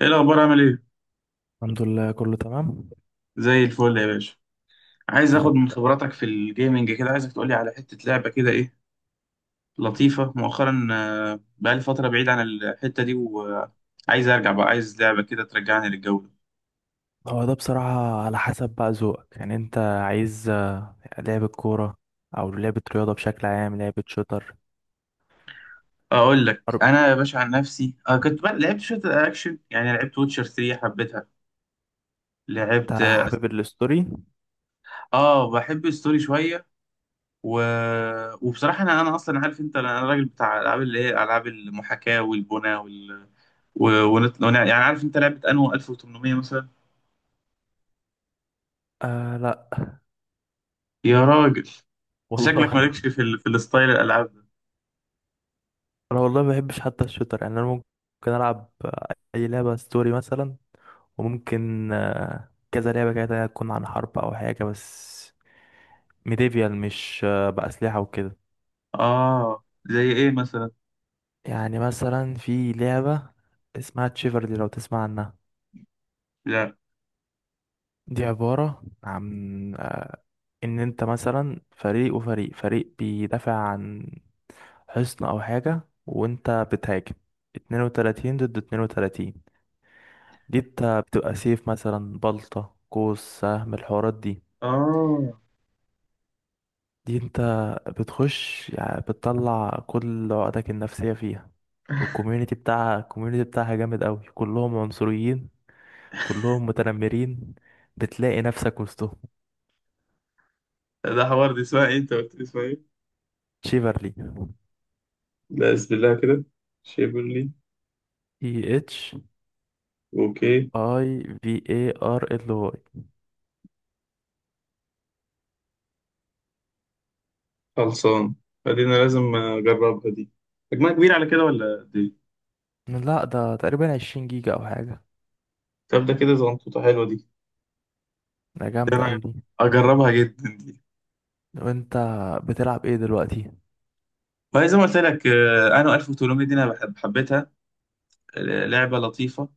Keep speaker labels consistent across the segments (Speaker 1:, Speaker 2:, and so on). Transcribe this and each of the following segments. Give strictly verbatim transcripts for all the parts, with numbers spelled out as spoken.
Speaker 1: ايه الاخبار؟ عامل ايه؟
Speaker 2: الحمد لله، كله تمام.
Speaker 1: زي الفل يا باشا. عايز
Speaker 2: يا
Speaker 1: اخد
Speaker 2: رب.
Speaker 1: من خبراتك في الجيمنج كده، عايزك تقولي على حتة لعبة كده ايه لطيفة مؤخرا. آه، بقالي فترة بعيد عن الحتة دي وعايز ارجع بقى، عايز لعبة كده ترجعني للجو ده.
Speaker 2: هو ده بصراحة على حسب بقى ذوقك، يعني انت عايز لعبة كورة او لعبة رياضة بشكل عام، لعبة شوتر،
Speaker 1: اقول لك
Speaker 2: حرب؟
Speaker 1: انا يا باشا، عن نفسي آه كنت بقى لعبت شوية اكشن، يعني لعبت ووتشر ثري، حبيتها. لعبت
Speaker 2: انت
Speaker 1: اه.
Speaker 2: حابب الستوري؟
Speaker 1: آه، بحب الستوري شوية. و... وبصراحة انا انا اصلا، عارف انت، انا أنا راجل بتاع العاب اللي هي العاب المحاكاة والبناء. و... ونت... ون- يعني عارف انت لعبة انو ألف وتمنمية مثلا.
Speaker 2: آه لا
Speaker 1: يا راجل انت!
Speaker 2: والله.
Speaker 1: شكلك مالكش في ال... في الستايل الالعاب ده.
Speaker 2: انا والله ما بحبش حتى الشوتر، يعني انا ممكن العب اي لعبة ستوري مثلا. وممكن آه، كذا لعبة كده تكون عن حرب او حاجة، بس ميديفيال، مش آه، بأسلحة وكده.
Speaker 1: اه. زي ايه مثلا؟
Speaker 2: يعني مثلا في لعبة اسمها تشيفرلي، لو تسمع عنها.
Speaker 1: لا.
Speaker 2: دي عبارة عن إن أنت مثلا فريق، وفريق فريق بيدافع عن حصن أو حاجة، وأنت بتهاجم. اتنين وتلاتين ضد اتنين وتلاتين. دي أنت بتبقى سيف مثلا، بلطة، قوس، سهم، الحوارات دي.
Speaker 1: اه،
Speaker 2: دي أنت بتخش، يعني بتطلع كل عقدك النفسية فيها. والكوميونيتي بتاعها الكوميونيتي بتاعها جامد أوي، كلهم عنصريين، كلهم متنمرين، بتلاقي نفسك وسطهم.
Speaker 1: ده حوار. دي اسمها ايه؟ انت قلت لي اسمها ايه؟
Speaker 2: شيفرلي:
Speaker 1: لا بسم الله كده. شيبرلي.
Speaker 2: اي اتش
Speaker 1: اوكي.
Speaker 2: اي في اي ار ال واي.
Speaker 1: خلصان. فدي انا لازم اجربها دي. حجمها كبير على كده ولا دي؟
Speaker 2: لا، ده تقريبا 20 جيجا او حاجه.
Speaker 1: طب ده كده زنطوطة حلوة دي.
Speaker 2: ده
Speaker 1: ده
Speaker 2: جامده
Speaker 1: انا
Speaker 2: قوي دي.
Speaker 1: اجربها جدا دي.
Speaker 2: وانت بتلعب ايه دلوقتي؟
Speaker 1: فزي ما قلت لك، آه، انا ألف وتمنمية دي انا بحب، حبيتها. آه، لعبة لطيفة.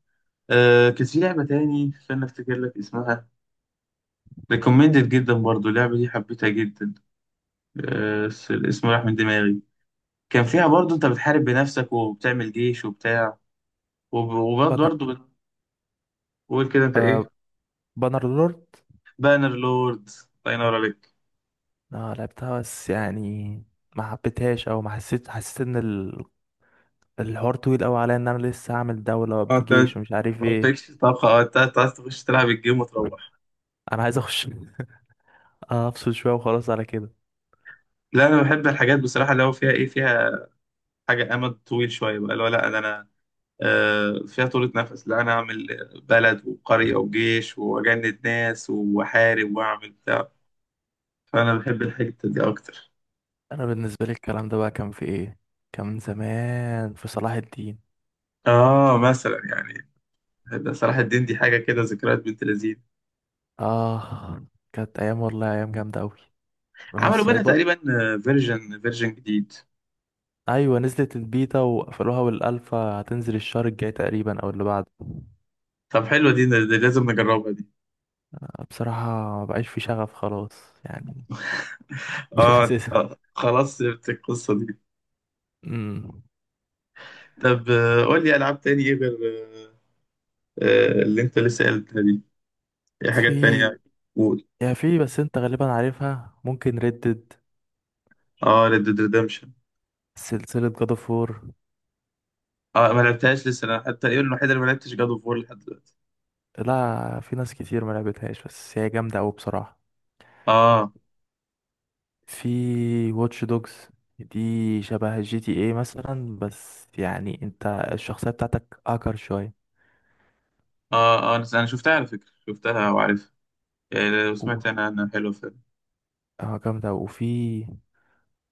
Speaker 1: آه كان في لعبة تاني، استنى افتكر لك اسمها. ريكومندد جدا برضو اللعبة دي، حبيتها جدا. آه س- الاسم راح من دماغي. كان فيها برضو انت بتحارب بنفسك وبتعمل جيش وبتاع، وب- وبرضو
Speaker 2: بانر
Speaker 1: برضو بتقول كده انت
Speaker 2: آه
Speaker 1: ايه؟
Speaker 2: بانر لورد.
Speaker 1: بانر لورد. الله ينور عليك.
Speaker 2: اه لعبتها، بس يعني ما حبيتهاش، او ما حسيت حسيت ان ال- الحوار طويل قوي عليا، ان انا لسه هعمل دوله
Speaker 1: اه
Speaker 2: وابني
Speaker 1: انت،
Speaker 2: جيش ومش عارف
Speaker 1: ما
Speaker 2: ايه.
Speaker 1: قلتلكش طبخة؟ اه انت، أنت عايز تخش تلعب الجيم وتروح.
Speaker 2: انا عايز اخش افصل شويه وخلاص على كده.
Speaker 1: لا انا بحب الحاجات بصراحة اللي هو فيها ايه، فيها حاجة امد طويل شوية بقى، اللي هو لا ده انا، آه، فيها طولة نفس. لا أنا أعمل بلد وقرية وجيش وأجند ناس وأحارب وأعمل بتاع. فأنا بحب الحتة دي أكتر.
Speaker 2: انا بالنسبه لي الكلام ده بقى كان في ايه، كان من زمان، في صلاح الدين.
Speaker 1: آه مثلا يعني. ده صلاح الدين دي حاجة كده، ذكريات بنت لذيذ.
Speaker 2: اه، كانت ايام، والله ايام جامده قوي. روح
Speaker 1: عملوا منها
Speaker 2: السايبر.
Speaker 1: تقريبا فيرجن، فيرجن جديد.
Speaker 2: ايوه، نزلت البيتا وقفلوها، والالفا هتنزل الشهر الجاي تقريبا او اللي بعده.
Speaker 1: طب حلوة دي، ده ده لازم نجربها دي.
Speaker 2: بصراحه، ما بقاش في شغف خلاص، يعني مش
Speaker 1: آه
Speaker 2: حاسسها.
Speaker 1: آه، خلاص سبت القصة دي.
Speaker 2: امم
Speaker 1: طب، آه، قول لي ألعاب تاني إيه غير آه، آه، اللي أنت لسه قلتها دي. إيه حاجات
Speaker 2: في،
Speaker 1: تانية؟ قول.
Speaker 2: يا في، بس انت غالبا عارفها، ممكن ردد:
Speaker 1: آه ريد ديد.
Speaker 2: سلسله جاد اوف وور.
Speaker 1: اه ما لعبتهاش لسه انا حتى، ايه الوحيده اللي ما لعبتش، جاد اوف وور لحد دلوقتي.
Speaker 2: لا، في ناس كتير ما لعبتهاش، بس هي جامده قوي بصراحه.
Speaker 1: اه.
Speaker 2: في واتش دوجز، دي شبه جي تي ايه مثلا، بس يعني انت الشخصيه بتاعتك اكر شويه.
Speaker 1: اه اه انا، أنا شفتها على فكره، شفتها وعارفها يعني،
Speaker 2: و-
Speaker 1: وسمعت انا انا حلو فيلم.
Speaker 2: اه جامده. وفي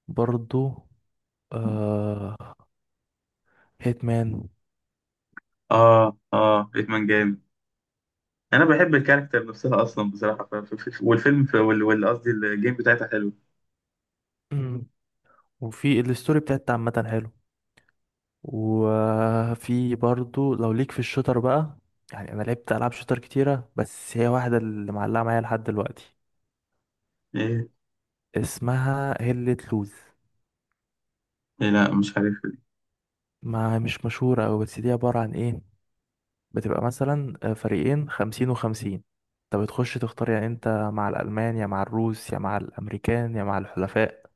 Speaker 2: برضو آه هيتمان.
Speaker 1: اه اه بيتمان جامد. انا بحب الكاركتر نفسها اصلا بصراحه. ف... ف... ف... والفيلم ف... وال وال- قصدي الجيم بتاعتها حلو.
Speaker 2: مم. وفي الستوري بتاعت عامة حلو. وفي برضو لو ليك في الشوتر بقى، يعني انا لعبت العاب شوتر كتيرة، بس هي واحدة اللي معلقة معايا لحد دلوقتي،
Speaker 1: ايه؟
Speaker 2: اسمها هيلة لوز.
Speaker 1: إيه؟ لا مش عارف دي.
Speaker 2: ما مش مشهورة أوي، بس دي عبارة عن ايه؟ بتبقى مثلا آه، فريقين، خمسين وخمسين. انت بتخش تختار، يعني انت مع الألمان، يا مع الروس، يا مع الأمريكان، يا مع الحلفاء.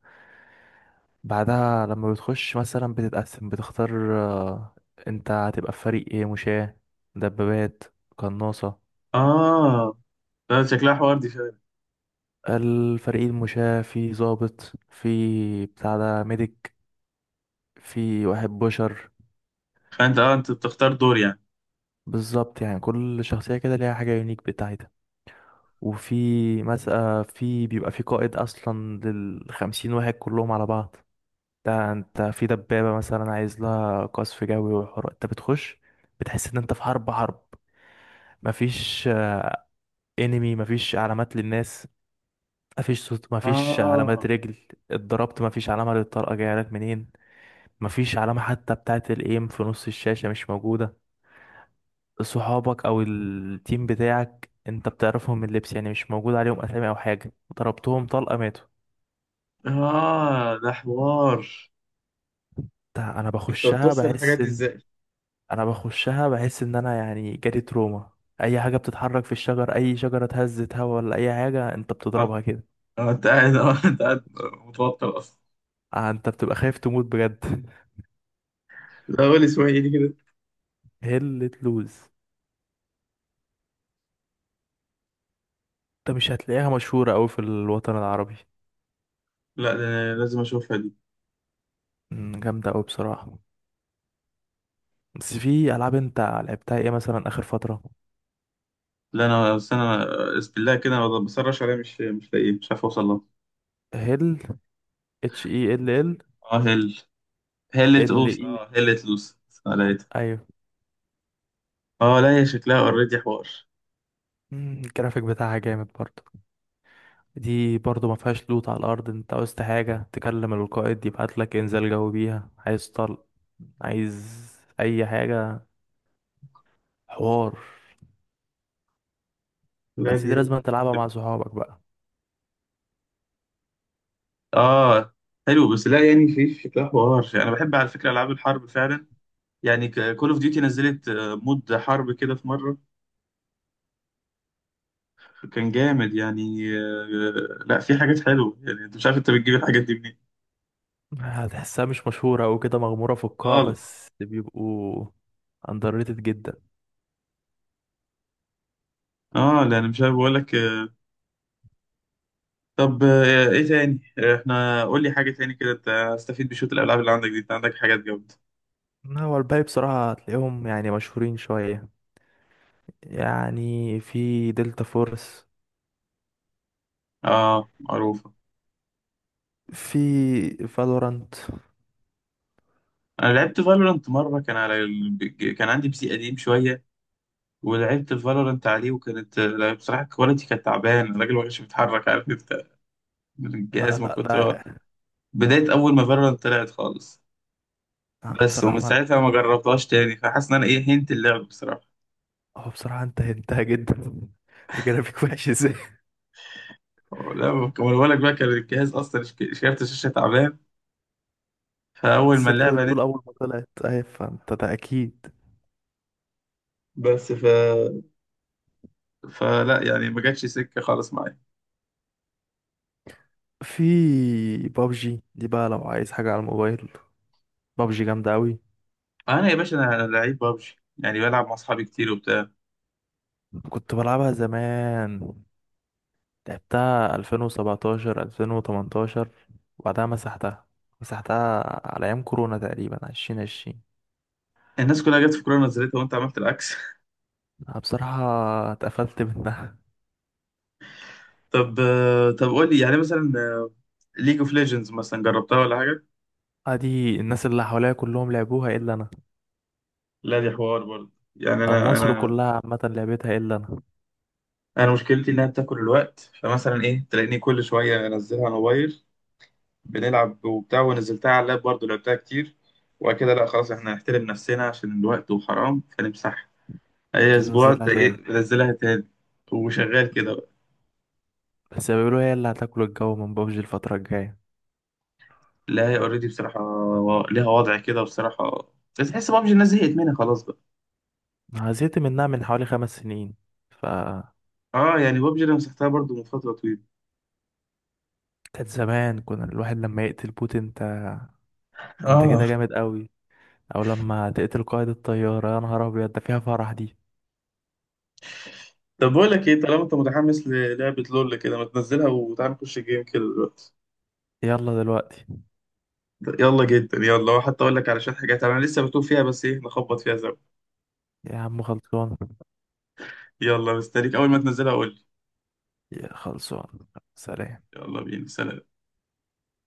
Speaker 2: بعدها لما بتخش مثلا بتتقسم، بتختار آه، انت هتبقى في فريق ايه، مشاة، دبابات، قناصة.
Speaker 1: اه لا شكلها حوار دي فعلا.
Speaker 2: الفريق المشاة في ضابط، في بتاع ده ميديك، في واحد بشر.
Speaker 1: فانت اه، انت بتختار دور يعني.
Speaker 2: بالظبط، يعني كل شخصية كده ليها حاجة يونيك بتاعتها. وفي مثلا، في بيبقى في قائد أصلا للخمسين واحد كلهم على بعض. ده انت في دبابة مثلا عايز لها قصف جوي وحوار، انت بتخش، بتحس ان انت في حرب حرب. مفيش انمي، مفيش علامات للناس، مفيش صوت، مفيش علامات
Speaker 1: اه.
Speaker 2: رجل اتضربت، مفيش علامة للطلقة جاية لك منين، مفيش علامة حتى بتاعة الايم في نص الشاشة، مش موجودة. صحابك او التيم بتاعك انت بتعرفهم من اللبس، يعني مش موجود عليهم اسامي او حاجة. ضربتهم طلقة، ماتوا.
Speaker 1: اه ده حوار.
Speaker 2: ده انا
Speaker 1: انت
Speaker 2: بخشها
Speaker 1: بتوصل الحاجات
Speaker 2: بحس
Speaker 1: دي
Speaker 2: ان
Speaker 1: ازاي؟
Speaker 2: انا بخشها بحس ان انا يعني جالي تروما. اي حاجة بتتحرك في الشجر، اي شجرة اتهزت، هوا ولا اي حاجة، انت
Speaker 1: آه،
Speaker 2: بتضربها كده.
Speaker 1: آه، انت قاعد، آه، انت قاعد متوتر اصلا.
Speaker 2: آه، انت بتبقى خايف تموت بجد.
Speaker 1: لا قول اسمعي كده.
Speaker 2: هلة لوز، ده مش هتلاقيها مشهورة أوي في الوطن العربي.
Speaker 1: لا ده أنا لازم اشوفها دي.
Speaker 2: مم، جامدة أوي بصراحة. بس في ألعاب أنت لعبتها إيه مثلا آخر فترة؟
Speaker 1: لا انا بس انا، بسم الله كده أنا بسرش عليها، مش مش لاقيه، مش عارف اوصل لها.
Speaker 2: هيل، اتش اي ال ال،
Speaker 1: اه هل. هلت
Speaker 2: ال
Speaker 1: اوس
Speaker 2: اي.
Speaker 1: اه هلت لوس. آه، لقيتها.
Speaker 2: أيوة.
Speaker 1: اه لا هي شكلها اوريدي حوار.
Speaker 2: مم، الجرافيك بتاعها جامد برضه. دي برضه ما فيهاش لوت على الأرض، أنت عاوزت حاجة تكلم القائد يبعت لك إنزال جوي بيها، عايز طلق، عايز أي حاجة، حوار.
Speaker 1: لا
Speaker 2: بس
Speaker 1: دي.
Speaker 2: دي لازم تلعبها مع صحابك بقى.
Speaker 1: اه حلو بس لا يعني، في في شكلها حوار. انا بحب على فكره العاب الحرب فعلا يعني. كول اوف ديوتي نزلت آه، مود حرب كده في مره، كان جامد يعني. آه، لا في حاجات حلوه يعني، انت مش عارف انت بتجيب الحاجات دي منين.
Speaker 2: هتحسها مش مشهورة أو كده، مغمورة في القاع،
Speaker 1: خالص.
Speaker 2: بس بيبقوا underrated جدا.
Speaker 1: اه لا انا مش عارف بقول لك. طب، آه، ايه تاني؟ آه، احنا، قول لي حاجة تاني كده، ت- استفيد بشوط الالعاب اللي عندك دي، انت عندك حاجات جامدة.
Speaker 2: هو الباقي بصراحة هتلاقيهم يعني مشهورين شوية. يعني في دلتا فورس،
Speaker 1: اه معروفة.
Speaker 2: في فالورانت.
Speaker 1: انا لعبت فالورانت مرة، كان على ال... ج- كان عندي بي سي قديم شوية، ولعبت فالورانت عليه وكانت، آه، لا، بصراحة الكواليتي كانت تعبان، الراجل ما كانش بيتحرك، عارف انت، الجهاز
Speaker 2: آه
Speaker 1: ما
Speaker 2: لا
Speaker 1: كنت هو-
Speaker 2: ده
Speaker 1: بداية اول ما فالورانت طلعت خالص.
Speaker 2: آه
Speaker 1: بس
Speaker 2: بصراحة،
Speaker 1: ومن
Speaker 2: ما
Speaker 1: ساعتها ما جربتهاش تاني، فحاسس ان انا ايه، هنت اللعب بصراحة.
Speaker 2: هو بصراحة انت هنتها جدا. الجرافيك وحش ازاي.
Speaker 1: لا ما بقول لك بقى، كان الجهاز اصلا ش- كارت الشاشة تعبان، فاول
Speaker 2: بس
Speaker 1: ما
Speaker 2: انت
Speaker 1: اللعبة
Speaker 2: بتقول
Speaker 1: نزلت.
Speaker 2: أول ما طلعت، أهي، فانت ده أكيد.
Speaker 1: بس ف فلا يعني ما جاتش سكه خالص معايا.
Speaker 2: في بابجي دي بقى، لو عايز حاجة على الموبايل، بابجي جامدة أوي.
Speaker 1: انا يا باشا انا لعيب بابجي، يعني بلعب مع اصحابي كتير وبتاع.
Speaker 2: كنت بلعبها زمان، لعبتها ألفين وسبعتاشر ألفين وتمنتاشر، وبعدها مسحتها مسحتها على أيام كورونا تقريبا ألفين وعشرين.
Speaker 1: الناس كلها جت في كورونا نزلتها وانت عملت العكس.
Speaker 2: أنا بصراحة اتقفلت منها.
Speaker 1: طب، آه، طب قول لي يعني مثلا، ليج اوف ليجندز مثلا جربتها ولا حاجه؟
Speaker 2: ادي الناس اللي حواليا كلهم لعبوها الا انا،
Speaker 1: لا دي حوار برضه يعني،
Speaker 2: او
Speaker 1: انا
Speaker 2: مصر
Speaker 1: انا
Speaker 2: كلها عامة لعبتها الا انا.
Speaker 1: انا مشكلتي انها بتاكل الوقت، فمثلا ايه، تلاقيني كل شويه انزلها على الموبايل، بنلعب وبتاع، ونزلتها على اللاب برضه لعبتها كتير، وبعد كده لا خلاص احنا هنحترم نفسنا عشان الوقت وحرام فنمسحها، اي اسبوع
Speaker 2: وتنزلها
Speaker 1: تلاقي
Speaker 2: تاني.
Speaker 1: بنزلها تاني، وشغال كده.
Speaker 2: بس بيقولوا هي اللي هتاكل الجو من بابجي الفترة الجاية.
Speaker 1: لا هي اوريدي بصراحة و- ليها وضع كده بصراحة، بس تحس بابجي الناس زهقت منها خلاص بقى.
Speaker 2: أنا زهقت منها من حوالي خمس سنين. ف
Speaker 1: اه يعني بابجي انا مسحتها برضو من فترة طويلة.
Speaker 2: كانت زمان كنا الواحد لما يقتل بوت انت انت كده
Speaker 1: اه.
Speaker 2: جامد قوي. او لما تقتل قائد الطيارة، يا نهار ابيض، ده فيها فرح دي.
Speaker 1: طب بقول لك ايه، طالما انت متحمس للعبة لول كده ما تنزلها وتعالى نخش الجيم كده دلوقتي.
Speaker 2: يلا دلوقتي.
Speaker 1: يلا جدا، يلا حتى اقول لك على شوية حاجات انا لسه بتوه فيها، بس ايه نخبط فيها زي.
Speaker 2: يا عم، خلصان.
Speaker 1: يلا مستنيك، اول ما تنزلها قول لي.
Speaker 2: يا خلصان. سلام.
Speaker 1: يلا بينا، سلام.